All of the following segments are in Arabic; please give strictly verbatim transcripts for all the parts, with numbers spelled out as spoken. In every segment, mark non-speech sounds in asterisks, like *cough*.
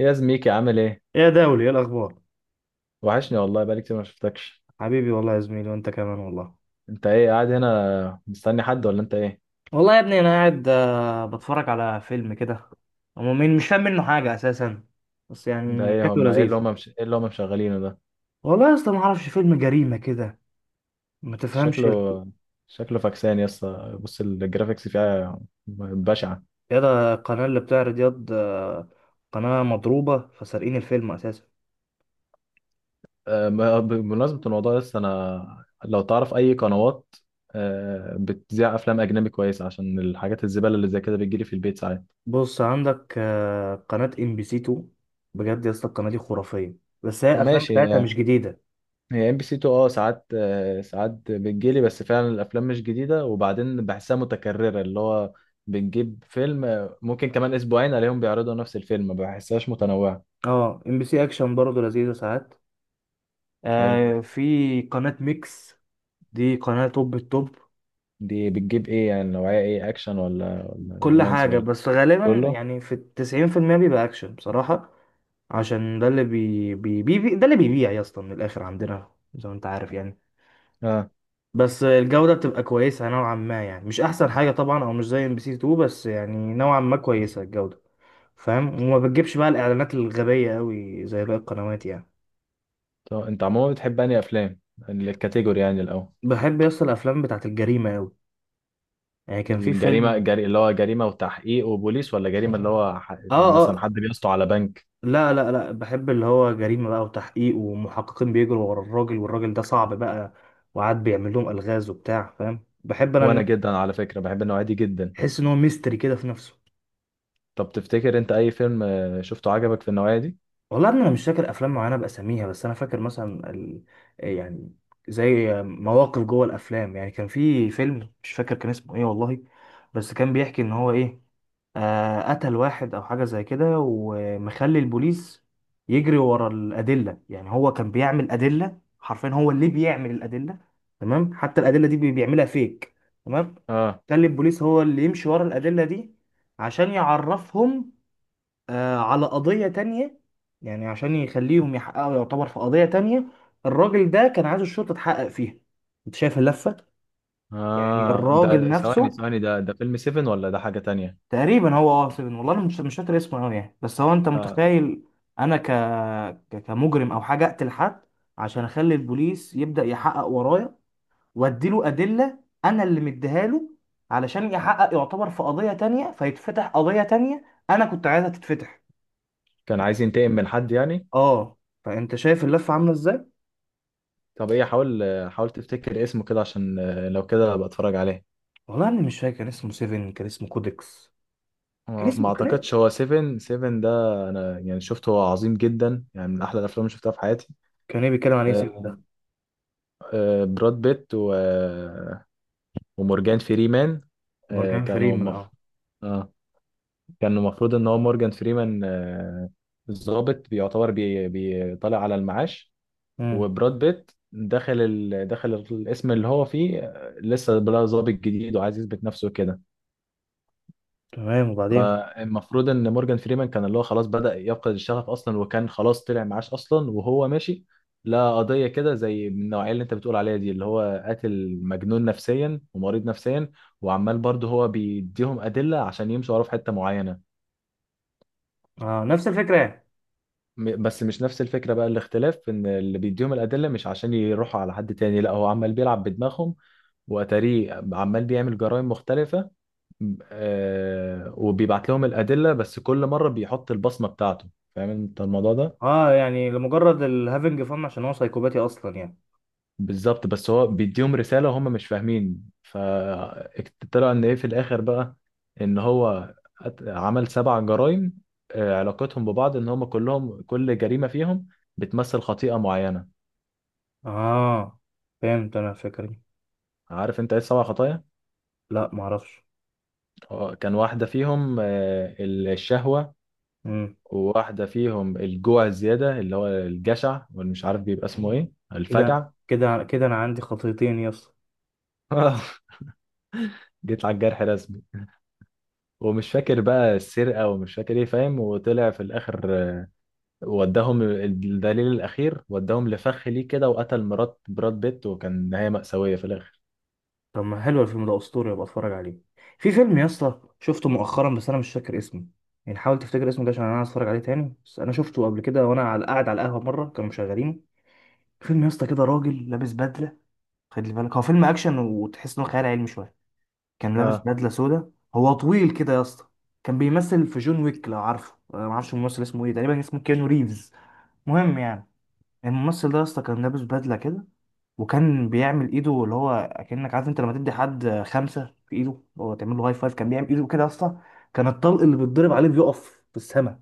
ايه يا زميكي عامل ايه؟ يا دولي ايه الاخبار؟ وحشني والله بقالي كتير ما شفتكش. حبيبي والله يا زميلي وانت كمان والله. انت ايه قاعد هنا مستني حد ولا انت ايه؟ والله يا ابني انا قاعد آه، بتفرج على فيلم كده. هو مين؟ مش فاهم منه حاجه اساسا، بس انت يعني ايه شكله هما ايه اللي لذيذ. هما مش... ايه اللي هما مشغلينه ده؟ والله يا اسطى ما اعرفش، فيلم جريمه كده ما تفهمش ال- شكله شكله فاكسان يا اسطى، بص الجرافيكس فيها بشعة. يا ده القناه اللي بتعرض ياض آه، قناه مضروبه فسارقين الفيلم اساسا. أه، ما- بمناسبة الموضوع، لسه انا لو تعرف اي قنوات أه، بتذيع افلام اجنبي كويسة عشان الحاجات الزبالة اللي زي كده بتجيلي في البيت ساعات. بص عندك آه، قناه ام بي سي اتنين، بجد يا اسطى القناه دي خرافيه، بس هي الافلام ماشي. بتاعتها مش جديده. هي ام بي سي اتنين، اه ساعات آه، ساعات بتجيلي، بس فعلا الافلام مش جديده، وبعدين بحسها متكرره، اللي هو بنجيب فيلم آه، ممكن كمان اسبوعين عليهم بيعرضوا نفس الفيلم، ما بحسهاش متنوعه. اه ام بي سي اكشن برضه لذيذه ساعات. حلو. آه في قناة ميكس، دي قناة توب التوب. دي بتجيب ايه يعني؟ نوعيه ايه، اكشن ولا ولا كل رومانسي حاجة، ولا؟ بس غالبا كله. يعني في التسعين في المية بيبقى أكشن بصراحة. عشان ده اللي بي بي بي بي- ده اللي بيبيع يا اسطى من الآخر عندنا زي ما أنت عارف يعني. اه. بس الجودة بتبقى كويسة نوعا ما، يعني مش أحسن حاجة طبعا أو مش زي ام بي سي اتنين، بس يعني نوعا ما كويسة الجودة، فاهم؟ وما بتجيبش بقى الإعلانات الغبية أوي زي باقي القنوات يعني. طب انت عموما بتحب انهي افلام؟ الكاتيجوري يعني الاول. بحب يا اسطى الأفلام بتاعت الجريمة أوي، يعني كان في الجريمه فيلم. الجري... اللي هو جريمه وتحقيق وبوليس، ولا جريمه اللي *laughs* هو ح... آه. مثلا آه، حد بيسطو على بنك؟ لا لا لا، بحب اللي هو جريمة بقى وتحقيق ومحققين بيجروا ورا الراجل، والراجل ده صعب بقى، وقعد بيعمل لهم ألغاز وبتاع، فاهم؟ بحب انا وانا إن- جدا على فكره بحب النوعيه دي جدا. احس ان هو ميستري كده في نفسه. طب تفتكر انت اي فيلم آه، شفته عجبك في النوعية دي؟ والله انا مش فاكر افلام معينه باساميها، بس انا فاكر مثلا ال... آه، يعني زي مواقف جوه الافلام. يعني كان في فيلم مش فاكر كان اسمه ايه والله، بس كان بيحكي ان هو ايه، آه قتل واحد او حاجه زي كده، ومخلي البوليس يجري ورا الادله. يعني هو كان بيعمل ادله، حرفيا هو اللي بيعمل الادله. تمام؟ حتى الادله دي بي- بيعملها فيك. تمام؟ اه. خلي البوليس هو اللي يمشي ورا الادله دي عشان يعرفهم آه، على قضية تانية. يعني عشان يخليهم يحققوا، يعتبر في قضية تانية الراجل ده كان عايز الشرطة تحقق فيها. انت شايف اللفة؟ يعني اه، الراجل ده ثواني نفسه ثواني، ده ده فيلم سيفن ولا ده حاجة تانية؟ تقريبا. هو اه سيفن، والله انا مش مش فاكر اسمه قوي يعني، بس هو انت لا. متخيل انا ك... ك... كمجرم او حاجة اقتل حد عشان اخلي البوليس يبدأ يحقق ورايا، واديله ادلة، انا اللي مديها له، علشان يحقق يعتبر في قضية تانية، فيتفتح قضية تانية انا كنت عايزها تتفتح. كان عايز ينتقم من حد يعني. اه. فانت شايف اللفة عاملة ازاي؟ طب ايه، حاول آه، حاول تفتكر اسمه كده عشان آه، لو كده ابقى اتفرج عليه. والله انا مش فاكر كان اسمه سيفن، كان اسمه كودكس. كان آه، ما اسمه كان إيه؟ اعتقدش هو سيفن، سيفن ده. انا يعني شفته، هو عظيم جدا يعني، من احلى الافلام اللي شفتها في حياتي. كان ايه بيتكلم عليه سيفن آه، ده؟ آه، براد بيت و... آه، ومورجان فريمان. آه، مورجان كانوا فريمان، مف... اه. آه. كان المفروض ان هو مورجان فريمان آه، الضابط بيعتبر بي- بيطلع على المعاش، امم. وبراد بيت دخل ال... دخل الاسم اللي هو فيه آه، لسه بقى ضابط جديد وعايز يثبت نفسه كده. تمام، وبعدين؟ فالمفروض ان مورجان فريمان كان اللي هو خلاص بدأ يفقد الشغف اصلا، وكان خلاص طلع معاش اصلا وهو ماشي. لا، قضية كده زي من النوعية اللي انت بتقول عليها دي، اللي هو قاتل مجنون نفسيا ومريض نفسيا، وعمال برضه هو بيديهم أدلة عشان يمشوا وراه في حتة معينة. اه نفس الفكره يعني. م- بس مش نفس الفكرة بقى، الاختلاف في ان اللي بيديهم الأدلة مش عشان يروحوا على حد تاني، لا هو عمال بيلعب بدماغهم، وأتاريه عمال بيعمل جرائم مختلفة. م- آه وبيبعت لهم الأدلة، بس كل مرة بيحط البصمة بتاعته. فاهم انت الموضوع ده؟ اه يعني لمجرد الهافنج فن عشان هو سايكوباتي اصلا يعني. بالظبط، بس هو بيديهم رسالة وهم مش فاهمين، فطلع ان ايه في الآخر بقى، ان هو أت- عمل سبع جرائم آه، علاقتهم ببعض ان هم كلهم، كل جريمة فيهم بتمثل خطيئة معينة. اه، فهمت انا الفكره دي. عارف انت ايه السبع خطايا؟ لا ما اعرفش. آه، كان واحدة فيهم آه، الشهوة، امم. وواحدة فيهم الجوع الزيادة اللي هو الجشع، واللي مش عارف بيبقى اسمه ايه، كده. الفجع. كده كده انا عندي خطيتين يا اسطى. *laughs* جيت على الجرح رسمي. ومش فاكر بقى السرقة ومش فاكر ايه، فاهم، وطلع في الآخر آه، وداهم الدليل الأخير وداهم لفخ ليه كده، وقتل مرات براد بيت، وكان نهاية مأساوية في الآخر. طب ما حلو الفيلم ده، اسطوري، ابقى اتفرج عليه. في فيلم يا اسطى شفته مؤخرا بس انا مش فاكر اسمه، يعني حاول تفتكر اسمه ده عشان انا عايز اتفرج عليه تاني، بس انا شفته قبل كده وانا على قاعد على القهوه مره كانوا مشغلينه. فيلم يا اسطى كده راجل لابس بدله، خلي بالك هو فيلم اكشن وتحس انه خيال علمي شويه. كان لابس اه. بدله سودا، هو طويل كده يا اسطى. كان بيمثل في جون ويك لو عارفه. أنا ما اعرفش الممثل اسمه ايه، تقريبا اسمه كيانو ريفز. مهم يعني، الممثل ده يا اسطى كان لابس بدله كده، وكان بيعمل ايده اللي هو اكنك عارف انت لما تدي حد خمسه في ايده، هو تعمل له هاي فايف. كان بيعمل ايده كده يا اسطى، كان الطلق اللي بيتضرب عليه بيقف في السماء.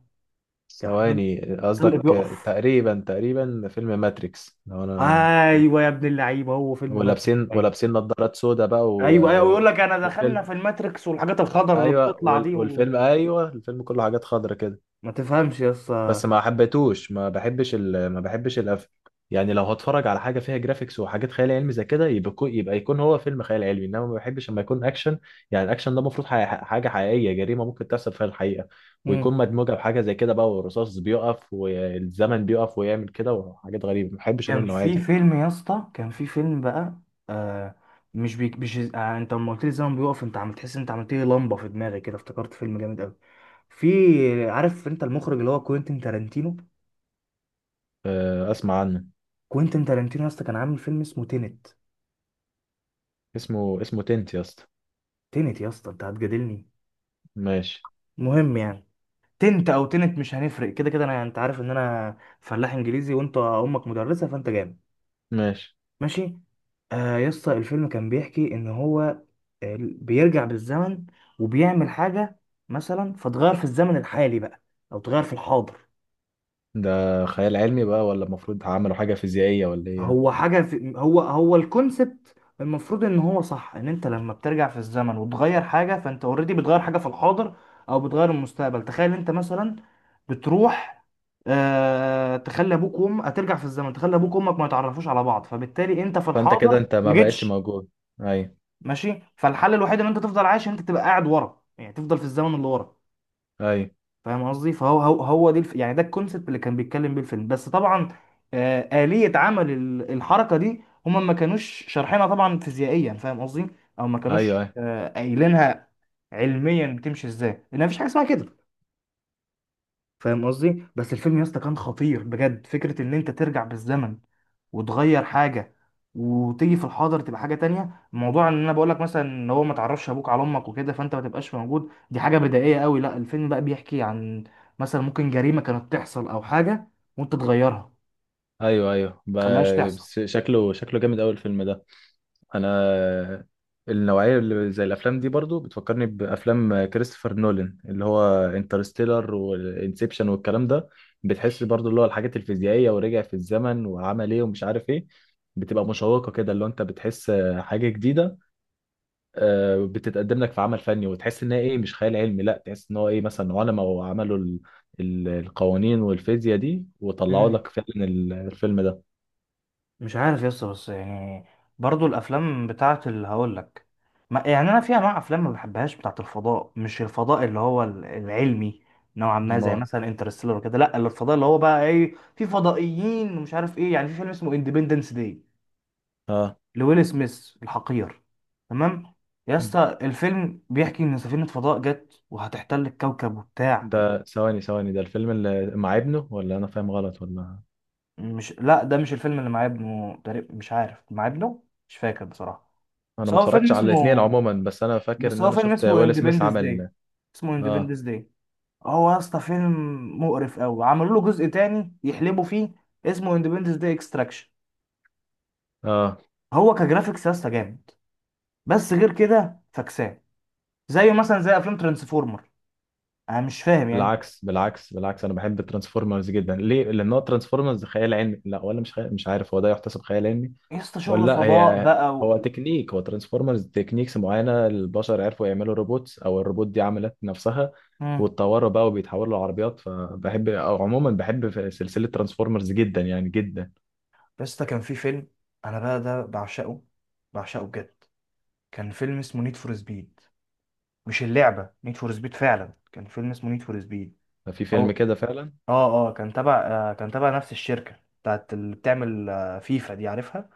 كان حرفياً ثواني، الطلق قصدك آه، بيقف. تقريبا تقريبا فيلم ماتريكس لو انا؟ ايوه يا ابن اللعيبه، هو فيلم مدهش. ولابسين ولابسين نظارات سودا بقى و... ايوه ايوه، و... ويقول لك انا دخلنا والفيلم، في الماتريكس، والحاجات الخضر اللي ايوه بتطلع دي وال- وما والفيلم، ايوه، الفيلم كله حاجات خضرة كده. تفهمش يا بس اسطى. ما حبيتوش، ما بحبش ال... ما بحبش القفل. يعني لو هتفرج على حاجه فيها جرافيكس وحاجات خيال علمي زي كده، يبقى يكون يبقى يكون هو فيلم خيال علمي، انما ما بحبش لما يكون اكشن. يعني الاكشن ده المفروض حي... حاجه حقيقيه، جريمه ممكن تحصل فيها الحقيقه، مم. ويكون مدموجه بحاجه زي كده بقى، والرصاص بيقف والزمن بيقف ويعمل كده وحاجات غريبه، ما بحبش انا كان النوعيه في دي. فيلم يا اسطى، كان في فيلم بقى، آه مش بيك مش آه انت لما قلت لي زمن بيقف، انت عم تحس إن انت عملت لي لمبه في دماغي كده، افتكرت فيلم جامد قوي. في عارف انت المخرج اللي هو كوينتين تارانتينو؟ أه، اسمع عنه. كوينتين تارانتينو يا اسطى كان عامل فيلم اسمه تينت. اسمه اسمه تنت يا اسطى. تينت يا اسطى، انت هتجادلني؟ ماشي. مهم يعني، تنت او تنت مش هنفرق، كده كده انا انت عارف ان انا فلاح انجليزي، وانت امك مدرسه فانت جامد. ماشي. ماشي. آه يا اسطى الفيلم كان بيحكي ان هو آه، بيرجع بالزمن وبيعمل حاجه مثلا، فتغير في الزمن الحالي بقى، او تغير في الحاضر. ده خيال علمي بقى، ولا المفروض عملوا حاجة فيزيائية ولا ايه يعني؟ هو حاجه في هو هو الكونسبت. المفروض ان هو صح ان انت لما بترجع في الزمن وتغير حاجه، فانت اوريدي بتغير حاجه في الحاضر او بتغير المستقبل. تخيل انت مثلا بتروح آه تخلي ابوك وامك، هترجع في الزمن تخلي ابوك وامك ما يتعرفوش على بعض، فبالتالي انت في فانت الحاضر كده انت ما ما بقتش جيتش. موجود. ايوه. ماشي، فالحل الوحيد ان انت تفضل عايش ان انت تبقى قاعد ورا، يعني تفضل في الزمن اللي ورا، ايوه، فاهم قصدي؟ فهو هو, هو دي الف... يعني ده الكونسيبت اللي كان بيتكلم بيه الفيلم، بس طبعا آه، آلية عمل ال- الحركة دي هما ما كانوش شارحينها طبعا فيزيائيا، فاهم قصدي؟ او ما ايوه، كانوش ايوه، آه، قايلينها علميا بتمشي ازاي، لان مفيش حاجة اسمها كده، فاهم قصدي؟ بس الفيلم يا اسطى كان خطير بجد. فكرة ان انت ترجع بالزمن وتغير حاجه وتيجي في الحاضر تبقى حاجه تانية. موضوع ان انا بقول لك مثلا ان هو ما تعرفش ابوك على امك وكده فانت ما تبقاش موجود دي حاجه بدائيه قوي. لا الفيلم بقى بيحكي عن مثلا ممكن جريمه كانت تحصل او حاجه، وانت تغيرها، ايوه، ايوه، تخليهاش ب- تحصل. بس شكله، شكله جامد قوي الفيلم ده. انا النوعية اللي زي الافلام دي برضو بتفكرني بافلام كريستوفر نولان، اللي هو انترستيلر وانسبشن والكلام ده. بتحس برضو اللي هو الحاجات الفيزيائية، ورجع في الزمن وعمل ايه ومش عارف ايه، بتبقى مشوقة كده، اللي هو انت بتحس حاجة جديدة آه، بتتقدم لك في عمل فني، وتحس ان هي ايه، مش خيال علمي، لا تحس ان هو ايه، مثلا علماء وعملوا ال- ال- القوانين والفيزياء دي، وطلعوا مم. لك فعلا ال- الفيلم ده. مش عارف يس، بس يعني برضو الافلام بتاعت اللي هقول لك، ما يعني انا في انواع افلام ما بحبهاش، بتاعت الفضاء. مش الفضاء اللي هو ال- العلمي نوعا ما زي امال. مثلا انترستيلر وكده، لا اللي الفضاء اللي هو بقى ايه في فضائيين ومش عارف ايه. يعني في فيلم اسمه اندبندنس داي اه. لويل سميث الحقير. تمام؟ يا اسطى الفيلم بيحكي ان سفينة فضاء جت وهتحتل الكوكب وبتاع. ده ثواني ثواني، ده الفيلم اللي مع ابنه، ولا انا فاهم غلط ولا؟ مش لا ده مش الفيلم اللي مع ابنه، تقريبا مش عارف مع ابنه، مش فاكر بصراحة. انا بس ما هو فيلم اتفرجتش على الاثنين اسمه عموما، بس انا فاكر بس ان هو انا فيلم شفت اسمه ويل سميث اندبندس داي، عمل. اسمه اه. اندبندس داي. هو يا اسطى فيلم مقرف قوي، عملوا له جزء تاني يحلبوا فيه اسمه اندبندس داي اكستراكشن. اه. هو كجرافيكس يا اسطى جامد، بس غير كده فكسان، زيه مثلا زي افلام ترانسفورمر. انا مش فاهم يعني. بالعكس، بالعكس، بالعكس، انا بحب ترانسفورمرز جدا، ليه؟ لان هو ترانسفورمرز خيال علمي، لا ولا مش خيال، مش عارف هو ده يحتسب خيال علمي يا اسطى ولا شغل لا. فضاء هي، بقى و... هو تكنيك، هو ترانسفورمرز تكنيكس معينه، البشر عرفوا يعملوا روبوتس، او الروبوت دي عملت نفسها مم. واتطوروا بقى وبيتحولوا لعربيات، فبحب، او عموما بحب في سلسله ترانسفورمرز جدا يعني، جدا. يا اسطى كان في فيلم، انا بقى ده بعشقه، بعشقه بجد. كان فيلم اسمه نيد فور سبيد، مش اللعبه نيد فور سبيد، فعلا كان فيلم اسمه نيد فور سبيد. في فيلم كده فعلا. اه اه كان تبع آه، كان تبع نفس الشركة بتاعت اللي بتعمل آه، فيفا دي عارفها.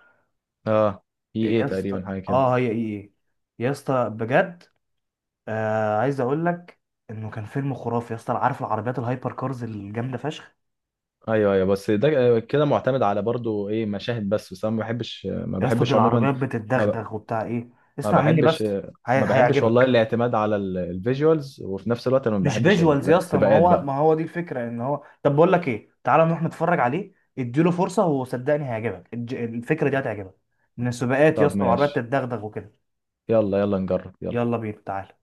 اه. اي ايه، يا مم. اسطى تقريبا حاجه كده. اه هي ايه إيه. يا اسطى بجد آه عايز اقول لك انه كان فيلم خرافي يا اسطى. عارف العربيات الهايبر كارز الجامدة فشخ؟ ايوه، ايوه، بس ده كده معتمد على برضو ايه، مشاهد بس بس انا ما بحبش، ما يا اسطى دي بحبش مم. عموما. العربيات ما ب- بتتدغدغ وبتاع ايه. ما اسمع مني بحبش، بس، هي... ما بحبش والله هيعجبك. الاعتماد على ال- الفيجوالز، وفي نفس الوقت انا ما مش بحبش فيجوالز يا اسطى، ما السباقات هو بقى. ما هو دي الفكرة ان هو. طب بقول لك ايه، تعالى نروح نتفرج عليه، اديله فرصة وصدقني هيعجبك الج- الفكرة دي هتعجبك. من السباقات يا طب اسطى العربيات ماشي. تتدغدغ وكده. يلا يلا، نجرب، يلا. يلا بينا تعالى.